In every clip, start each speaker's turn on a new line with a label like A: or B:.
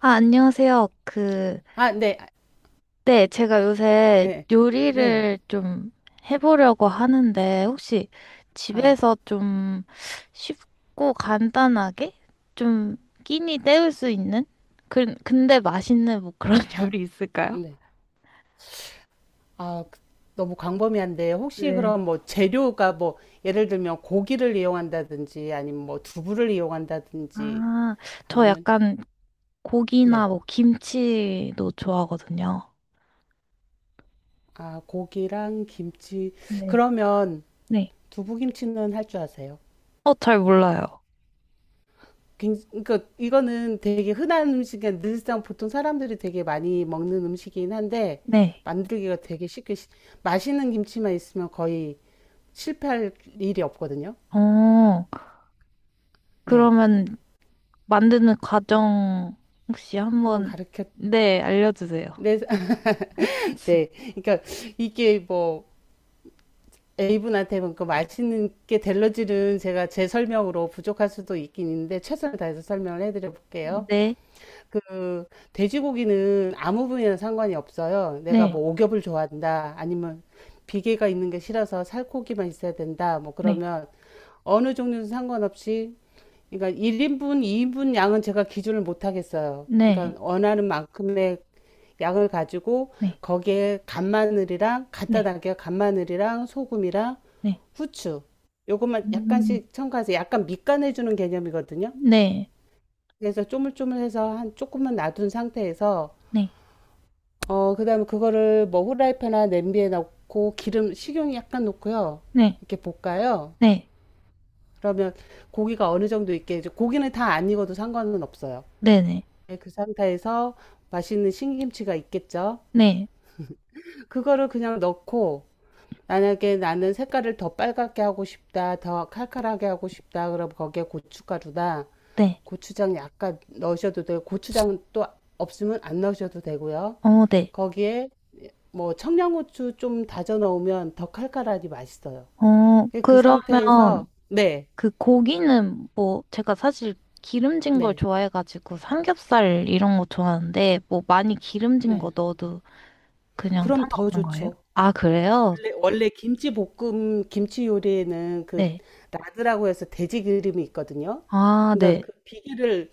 A: 아, 안녕하세요.
B: 아, 네. 아,
A: 네, 제가 요새
B: 네. 네.
A: 요리를 좀 해보려고 하는데, 혹시
B: 아,
A: 집에서 좀 쉽고 간단하게 좀 끼니 때울 수 있는? 근데 맛있는 뭐 그런
B: 바,
A: 요리 있을까요?
B: 네. 아, 너무 광범위한데 혹시 그럼 뭐 재료가 뭐 예를 들면 고기를 이용한다든지 아니면 뭐 두부를 이용한다든지
A: 아, 저
B: 아니면
A: 약간 고기나
B: 네.
A: 뭐 김치도 좋아하거든요.
B: 아, 고기랑 김치.
A: 네.
B: 그러면
A: 네.
B: 두부김치는 할 줄 아세요?
A: 어, 잘 몰라요.
B: 그러니까 이거는 되게 흔한 음식이 늘상 보통 사람들이 되게 많이 먹는 음식이긴 한데
A: 네.
B: 만들기가 되게 쉽게 맛있는 김치만 있으면 거의 실패할 일이 없거든요.
A: 어,
B: 네,
A: 그러면 만드는 과정 혹시
B: 한번
A: 한번,
B: 가르쳐.
A: 네, 알려주세요.
B: 네, 네. 그러니까 이게 뭐 A분한테 뭐 그 맛있는 게 델러지는 제가 제 설명으로 부족할 수도 있긴 있는데 최선을 다해서 설명을 해드려 볼게요.
A: 네,
B: 그 돼지고기는 아무 부위나 상관이 없어요. 내가
A: 네,
B: 뭐 오겹을 좋아한다, 아니면 비계가 있는 게 싫어서 살코기만 있어야 된다. 뭐
A: 네,
B: 그러면 어느 종류는 상관없이 그러니까 1인분, 2인분 양은 제가 기준을 못 하겠어요.
A: 네,
B: 그러니까 원하는 만큼의 양을 가지고
A: 네,
B: 거기에 간마늘이랑 갖다
A: 네,
B: 담겨 간마늘이랑 소금이랑
A: 네,
B: 후추 요것만
A: 음,
B: 약간씩 첨가해서 약간 밑간해 주는 개념이거든요.
A: 네,
B: 그래서 쪼물쪼물해서 한 조금만 놔둔 상태에서
A: 네,
B: 어 그다음에 그거를 뭐 후라이팬이나 냄비에 넣고 기름 식용 약간 넣고요.
A: 네,
B: 이렇게 볶아요.
A: 네,
B: 그러면 고기가 어느 정도 있게 이제 고기는 다 안 익어도 상관은 없어요.
A: 네,
B: 네, 그 상태에서 맛있는 신김치가 있겠죠.
A: 네, 네,
B: 그거를 그냥 넣고 만약에 나는 색깔을 더 빨갛게 하고 싶다, 더 칼칼하게 하고 싶다, 그럼 거기에 고춧가루다.
A: 네,
B: 고추장 약간 넣으셔도 되고, 고추장은 또 없으면 안 넣으셔도 되고요.
A: 어, 네.
B: 거기에 뭐 청양고추 좀 다져 넣으면 더 칼칼하니 맛있어요.
A: 어,
B: 그
A: 그러면
B: 상태에서, 네,
A: 그 고기는 뭐 제가 사실 기름진 걸
B: 네,
A: 좋아해가지고 삼겹살 이런 거 좋아하는데 뭐 많이 기름진 거
B: 네.
A: 넣어도 그냥
B: 그럼 더
A: 상관없는 거예요?
B: 좋죠.
A: 아, 그래요?
B: 원래 김치 볶음, 김치 요리에는 그
A: 네.
B: 라드라고 해서 돼지 기름이 있거든요.
A: 아,
B: 그러니까
A: 네,
B: 그 비기를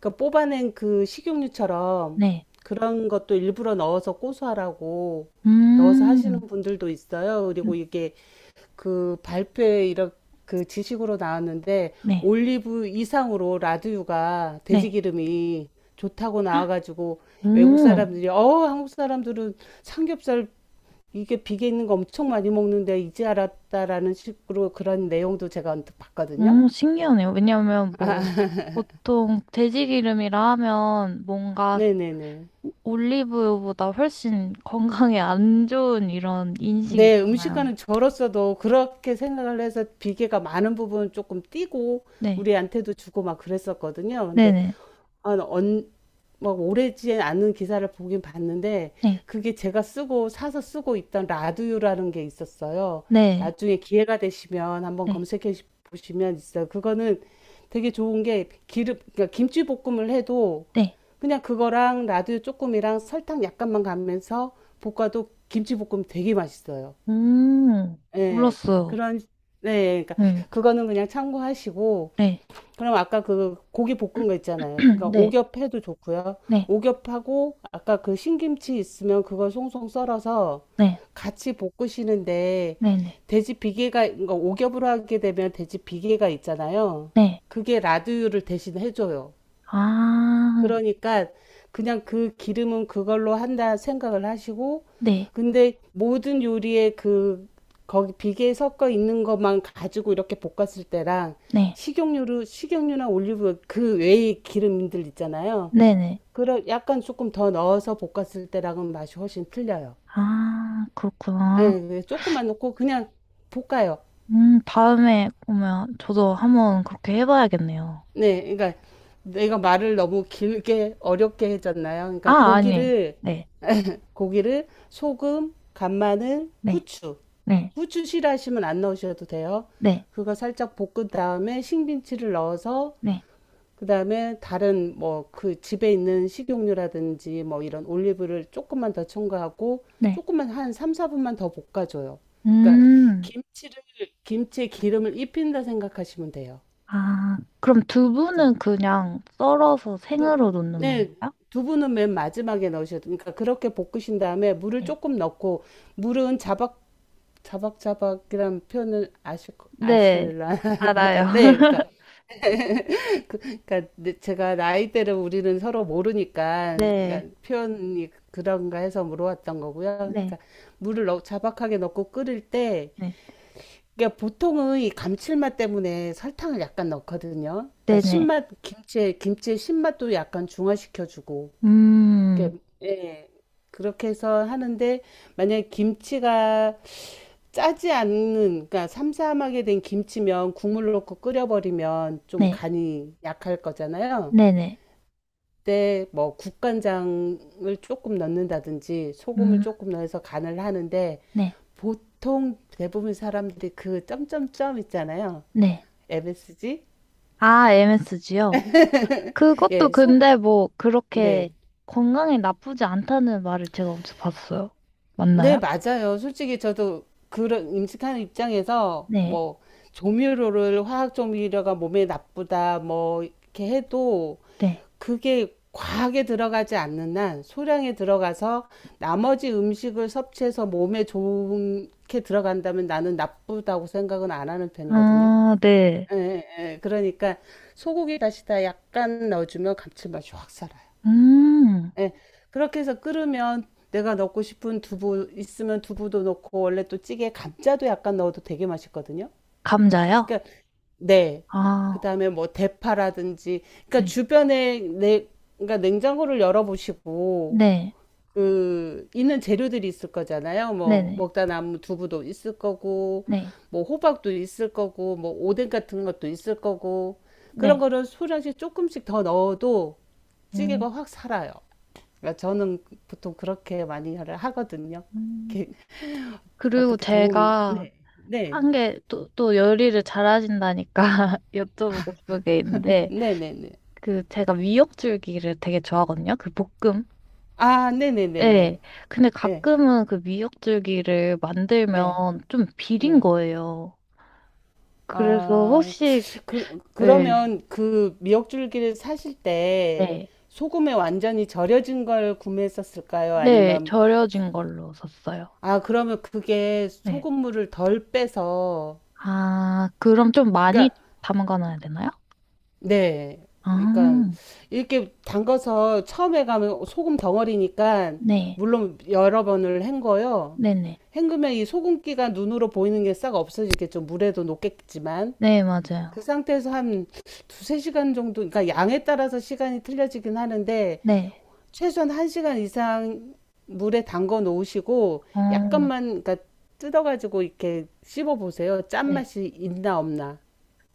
B: 그러니까 뽑아낸 그 식용유처럼
A: 네.
B: 그런 것도 일부러 넣어서 고소하라고 넣어서 하시는
A: 음,
B: 분들도 있어요. 그리고 이게 그 발표에 이런 그 지식으로 나왔는데
A: 네,
B: 올리브 이상으로 라드유가 돼지
A: 네.
B: 기름이 좋다고
A: 헉,
B: 나와가지고 외국
A: 오,
B: 사람들이 어 한국 사람들은 삼겹살 이게 비계 있는 거 엄청 많이 먹는데 이제 알았다라는 식으로 그런 내용도 제가 언뜻 봤거든요.
A: 응. 오, 신기하네요. 왜냐하면
B: 아,
A: 뭐, 보통 돼지기름이라 하면 뭔가
B: 네네네.
A: 올리브유보다 훨씬 건강에 안 좋은 이런 인식이
B: 네,
A: 있잖아요.
B: 음식과는 저로서도 그렇게 생각을 해서 비계가 많은 부분 조금 띄고
A: 네,
B: 우리한테도 주고 막 그랬었거든요. 근데
A: 네네,
B: 아, 나 언, 막 오래지 않은 기사를 보긴 봤는데
A: 네,
B: 그게 제가 쓰고 사서 쓰고 있던 라두유라는 게 있었어요.
A: 네,
B: 나중에 기회가 되시면 한번
A: 네,
B: 검색해 보시면 있어요. 그거는 되게 좋은 게 기름, 그러니까 김치 볶음을 해도
A: 네.
B: 그냥 그거랑 라두유 조금이랑 설탕 약간만 가면서 볶아도 김치 볶음 되게 맛있어요.
A: 음...
B: 예.
A: 몰랐어요.
B: 그런 네, 그러니까
A: 네,
B: 그거는 그냥 참고하시고
A: 네,
B: 그럼 아까 그 고기 볶은 거 있잖아요. 그러니까
A: 네,
B: 오겹 해도 좋고요.
A: 네,
B: 오겹하고 아까 그 신김치 있으면 그걸 송송 썰어서
A: 네,
B: 같이 볶으시는데
A: 네, 네,
B: 돼지 비계가 그러니까 오겹으로 하게 되면 돼지 비계가 있잖아요.
A: 네.
B: 그게 라드유를 대신 해줘요.
A: 아,
B: 그러니까 그냥 그 기름은 그걸로 한다 생각을 하시고,
A: 네,
B: 근데 모든 요리에 그, 거기 비계에 섞어 있는 것만 가지고 이렇게 볶았을 때랑
A: 네,
B: 식용유나 올리브 그 외의 기름들 있잖아요.
A: 네네.
B: 그런 약간 조금 더 넣어서 볶았을 때랑은 맛이 훨씬 틀려요.
A: 아,
B: 예,
A: 그렇구나.
B: 네, 조금만 넣고 그냥 볶아요.
A: 다음에 보면 저도 한번 그렇게 해봐야겠네요.
B: 네, 그러니까 내가 말을 너무 길게 어렵게 해줬나요? 그러니까
A: 아, 아니.
B: 고기를
A: 네,
B: 고기를 소금, 간마늘,
A: 네,
B: 후추.
A: 네,
B: 후추 싫어하시면 안 넣으셔도 돼요.
A: 네,
B: 그거 살짝 볶은 다음에 신김치를 넣어서
A: 네,
B: 그다음에 다른 뭐 그 집에 있는 식용유라든지 뭐 이런 올리브를 조금만 더 첨가하고
A: 네.
B: 조금만 한 3, 4분만 더 볶아줘요. 그러니까
A: 음,
B: 김치를 김치에 기름을 입힌다 생각하시면 돼요.
A: 아, 그럼
B: 그죠?
A: 두부는 그냥 썰어서
B: 두-
A: 생으로 넣는
B: 네,
A: 건가요?
B: 두부는 맨 마지막에 넣으셔도 그러니까 그렇게 볶으신 다음에 물을
A: 네.
B: 조금 넣고 물은 자박 자박자박이라는 표현을 아실
A: 네,
B: 아실라
A: 알아요.
B: 네 그러니까 그러니까 네, 제가 나이대를 우리는 서로 모르니까 그러니까
A: 네,
B: 표현이 그런가 해서 물어봤던 거고요.
A: 네,
B: 그러니까 물을 넣, 자박하게 넣고 끓일 때
A: 네,
B: 그러니까 보통은 이 감칠맛 때문에 설탕을 약간 넣거든요. 그러니까
A: 네네.
B: 신맛 김치의 신맛도 약간 중화시켜주고
A: 음,
B: 이렇게 예 그렇게 해서 하는데 만약에 김치가 짜지 않는, 그러니까 삼삼하게 된 김치면 국물 넣고 끓여버리면 좀
A: 네,
B: 간이 약할 거잖아요.
A: 네네.
B: 그때 뭐 국간장을 조금 넣는다든지 소금을
A: 음,
B: 조금 넣어서 간을 하는데
A: 네,
B: 보통 대부분 사람들이 그 점점점 있잖아요.
A: 네.
B: MSG?
A: 아, MSG요? 그것도
B: 예, 소금.
A: 근데 뭐 그렇게
B: 네.
A: 건강에 나쁘지 않다는 말을 제가 어디서 봤어요.
B: 네,
A: 맞나요?
B: 맞아요. 솔직히 저도 그런 음식하는 입장에서
A: 네,
B: 뭐 조미료를 화학 조미료가 몸에 나쁘다 뭐 이렇게 해도
A: 네.
B: 그게 과하게 들어가지 않는 한 소량에 들어가서 나머지 음식을 섭취해서 몸에 좋게 들어간다면 나는 나쁘다고 생각은 안 하는 편이거든요.
A: 아, 네.
B: 예, 예, 예. 그러니까 소고기 다시다 약간 넣어주면 감칠맛이 확 살아요.
A: 음,
B: 예. 그렇게 해서 끓으면 내가 넣고 싶은 두부 있으면 두부도 넣고 원래 또 찌개에 감자도 약간 넣어도 되게 맛있거든요.
A: 감자요?
B: 그러니까 네.
A: 아,
B: 그다음에 뭐 대파라든지 그러니까
A: 네.
B: 주변에 내 그러니까 냉장고를 열어보시고
A: 네,
B: 그 있는 재료들이 있을 거잖아요. 뭐
A: 네네,
B: 먹다 남은 두부도 있을 거고
A: 네,
B: 뭐 호박도 있을 거고 뭐 오뎅 같은 것도 있을 거고 그런
A: 네.
B: 거를 소량씩 조금씩 더 넣어도
A: 음,
B: 찌개가 확 살아요. 그러니까 저는 보통 그렇게 많이 하거든요.
A: 음.
B: 이렇게
A: 그리고
B: 어떻게 도움이
A: 제가
B: 네. 네.
A: 한 게 또, 또 요리를 잘하신다니까 여쭤보고 싶은 게 있는데,
B: 네, 네, 네.
A: 그 제가 미역줄기를 되게 좋아하거든요. 그 볶음.
B: 아, 네, 네, 네, 네.
A: 네, 근데
B: 예.
A: 가끔은 그 미역줄기를
B: 예.
A: 만들면 좀 비린
B: 네.
A: 거예요. 그래서
B: 아,
A: 혹시,
B: 그,
A: 네,
B: 그러면 그 미역줄기를 사실 때
A: 네.
B: 소금에 완전히 절여진 걸 구매했었을까요?
A: 네,
B: 아니면,
A: 절여진 걸로 샀어요.
B: 아, 그러면 그게
A: 네.
B: 소금물을 덜 빼서,
A: 아, 그럼 좀 많이
B: 그러니까,
A: 담가 놔야 되나요?
B: 네. 그러니까,
A: 아,
B: 이렇게 담가서 처음에 가면 소금 덩어리니까,
A: 네.
B: 물론 여러 번을 헹궈요.
A: 네네.
B: 헹구면 이 소금기가 눈으로 보이는 게 싹 없어지겠죠. 물에도 녹겠지만.
A: 네,
B: 그
A: 맞아요.
B: 상태에서 한 두세 시간 정도, 그러니까 양에 따라서 시간이 틀려지긴 하는데,
A: 네.
B: 최소한 한 시간 이상 물에 담궈 놓으시고,
A: 어,
B: 약간만, 그러니까 뜯어가지고 이렇게 씹어 보세요.
A: 네.
B: 짠맛이 있나 없나.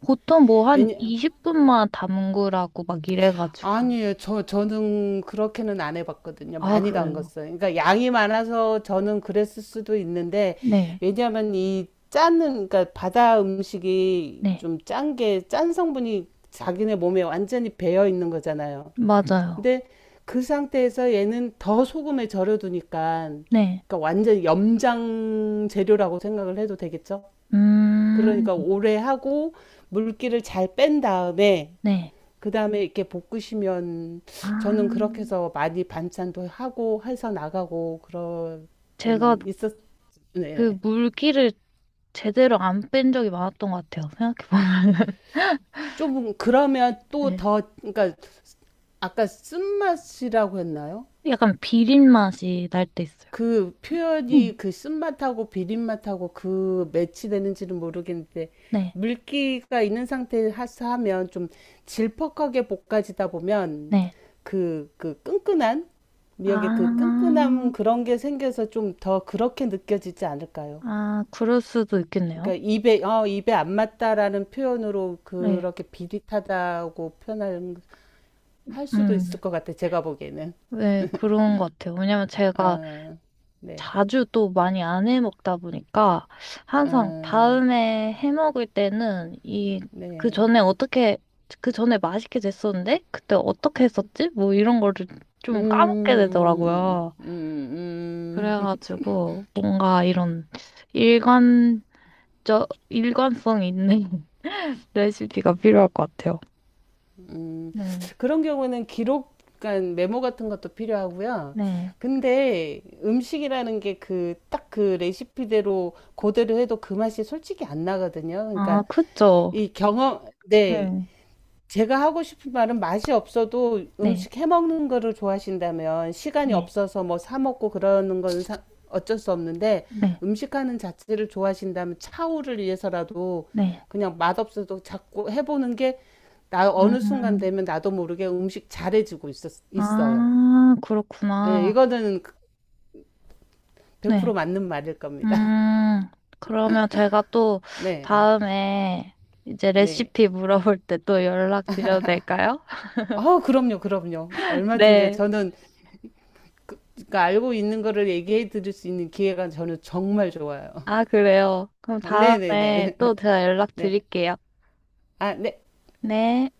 A: 보통 뭐 한
B: 왜냐,
A: 20분만 담그라고 막 이래가지고.
B: 아니에요. 저는 그렇게는 안 해봤거든요.
A: 아,
B: 많이
A: 그래요.
B: 담갔어요. 그러니까 양이 많아서 저는 그랬을 수도 있는데,
A: 네.
B: 왜냐하면 이 짜는, 그러니까 바다 음식이
A: 네.
B: 좀 짠 게, 짠 성분이 자기네 몸에 완전히 배어 있는 거잖아요.
A: 맞아요.
B: 근데 그 상태에서 얘는 더 소금에 절여두니까,
A: 네.
B: 그러니까 완전 염장 재료라고 생각을 해도 되겠죠?
A: 음,
B: 그러니까 오래 하고 물기를 잘 뺀 다음에
A: 네.
B: 그 다음에 이렇게 볶으시면
A: 아,
B: 저는 그렇게 해서 많이 반찬도 하고 해서 나가고
A: 제가
B: 그러고는 있었, 네. 네.
A: 그 물기를 제대로 안 뺀 적이 많았던 것 같아요. 생각해보면.
B: 좀 그러면 또
A: 네.
B: 더, 그러니까 아까 쓴맛이라고 했나요?
A: 약간 비린 맛이 날 때 있어요.
B: 그 표현이
A: 음.
B: 그 쓴맛하고 비린맛하고 그 매치되는지는 모르겠는데
A: 네,
B: 물기가 있는 상태에서 하면 좀 질퍽하게 볶아지다 보면
A: 네.
B: 그 끈끈한
A: 아,
B: 미역의 그 끈끈함 그런 게 생겨서 좀 더 그렇게 느껴지지 않을까요?
A: 아, 그럴 수도 있겠네요.
B: 그러니까 입에 어 입에 안 맞다라는 표현으로
A: 네.
B: 그렇게 비릿하다고 표현할 할 수도 있을
A: 음,
B: 것 같아 제가 보기에는.
A: 네, 그런 것 같아요. 왜냐면 제가
B: 아, 네,
A: 자주 또 많이 안 해 먹다 보니까 항상
B: 아,
A: 다음에 해 먹을 때는 이 그
B: 네.
A: 전에 어떻게 그 전에 맛있게 됐었는데 그때 어떻게 했었지? 뭐 이런 거를
B: 음,
A: 좀 까먹게
B: 음,
A: 되더라고요.
B: 음, 음, 음.
A: 그래가지고 뭔가 이런 일관적 일관성 있는 레시피가 필요할 것 같아요.
B: 음.
A: 네.
B: 그런 경우는 기록, 간 메모 같은 것도 필요하고요.
A: 네.
B: 근데 음식이라는 게 그 딱 그 레시피대로 그대로 해도 그 맛이 솔직히 안 나거든요.
A: 아,
B: 그러니까
A: 그쵸.
B: 이 경험, 네,
A: 네.
B: 제가 하고 싶은 말은 맛이 없어도
A: 네.
B: 음식 해 먹는 거를 좋아하신다면 시간이
A: 네.
B: 없어서 뭐 사 먹고 그러는 건 어쩔 수 없는데
A: 네.
B: 음식하는 자체를 좋아하신다면 차후를 위해서라도
A: 네.
B: 그냥 맛없어도 자꾸 해보는 게 나 어느 순간
A: 음.
B: 되면 나도 모르게 음식 잘해지고 있었, 있어요.
A: 아,
B: 예,
A: 그렇구나.
B: 이거는 100%
A: 네.
B: 맞는 말일 겁니다.
A: 음, 그러면 제가 또
B: 네,
A: 다음에 이제
B: 네.
A: 레시피 물어볼 때 또 연락드려도 될까요?
B: 아, 그럼요, 그럼요. 얼마든지
A: 네.
B: 저는 그러니까 알고 있는 거를 얘기해 드릴 수 있는 기회가 저는 정말 좋아요.
A: 아, 그래요. 그럼
B: 아,
A: 다음에
B: 네네네.
A: 또 제가
B: 네.
A: 연락드릴게요.
B: 아, 네.
A: 네.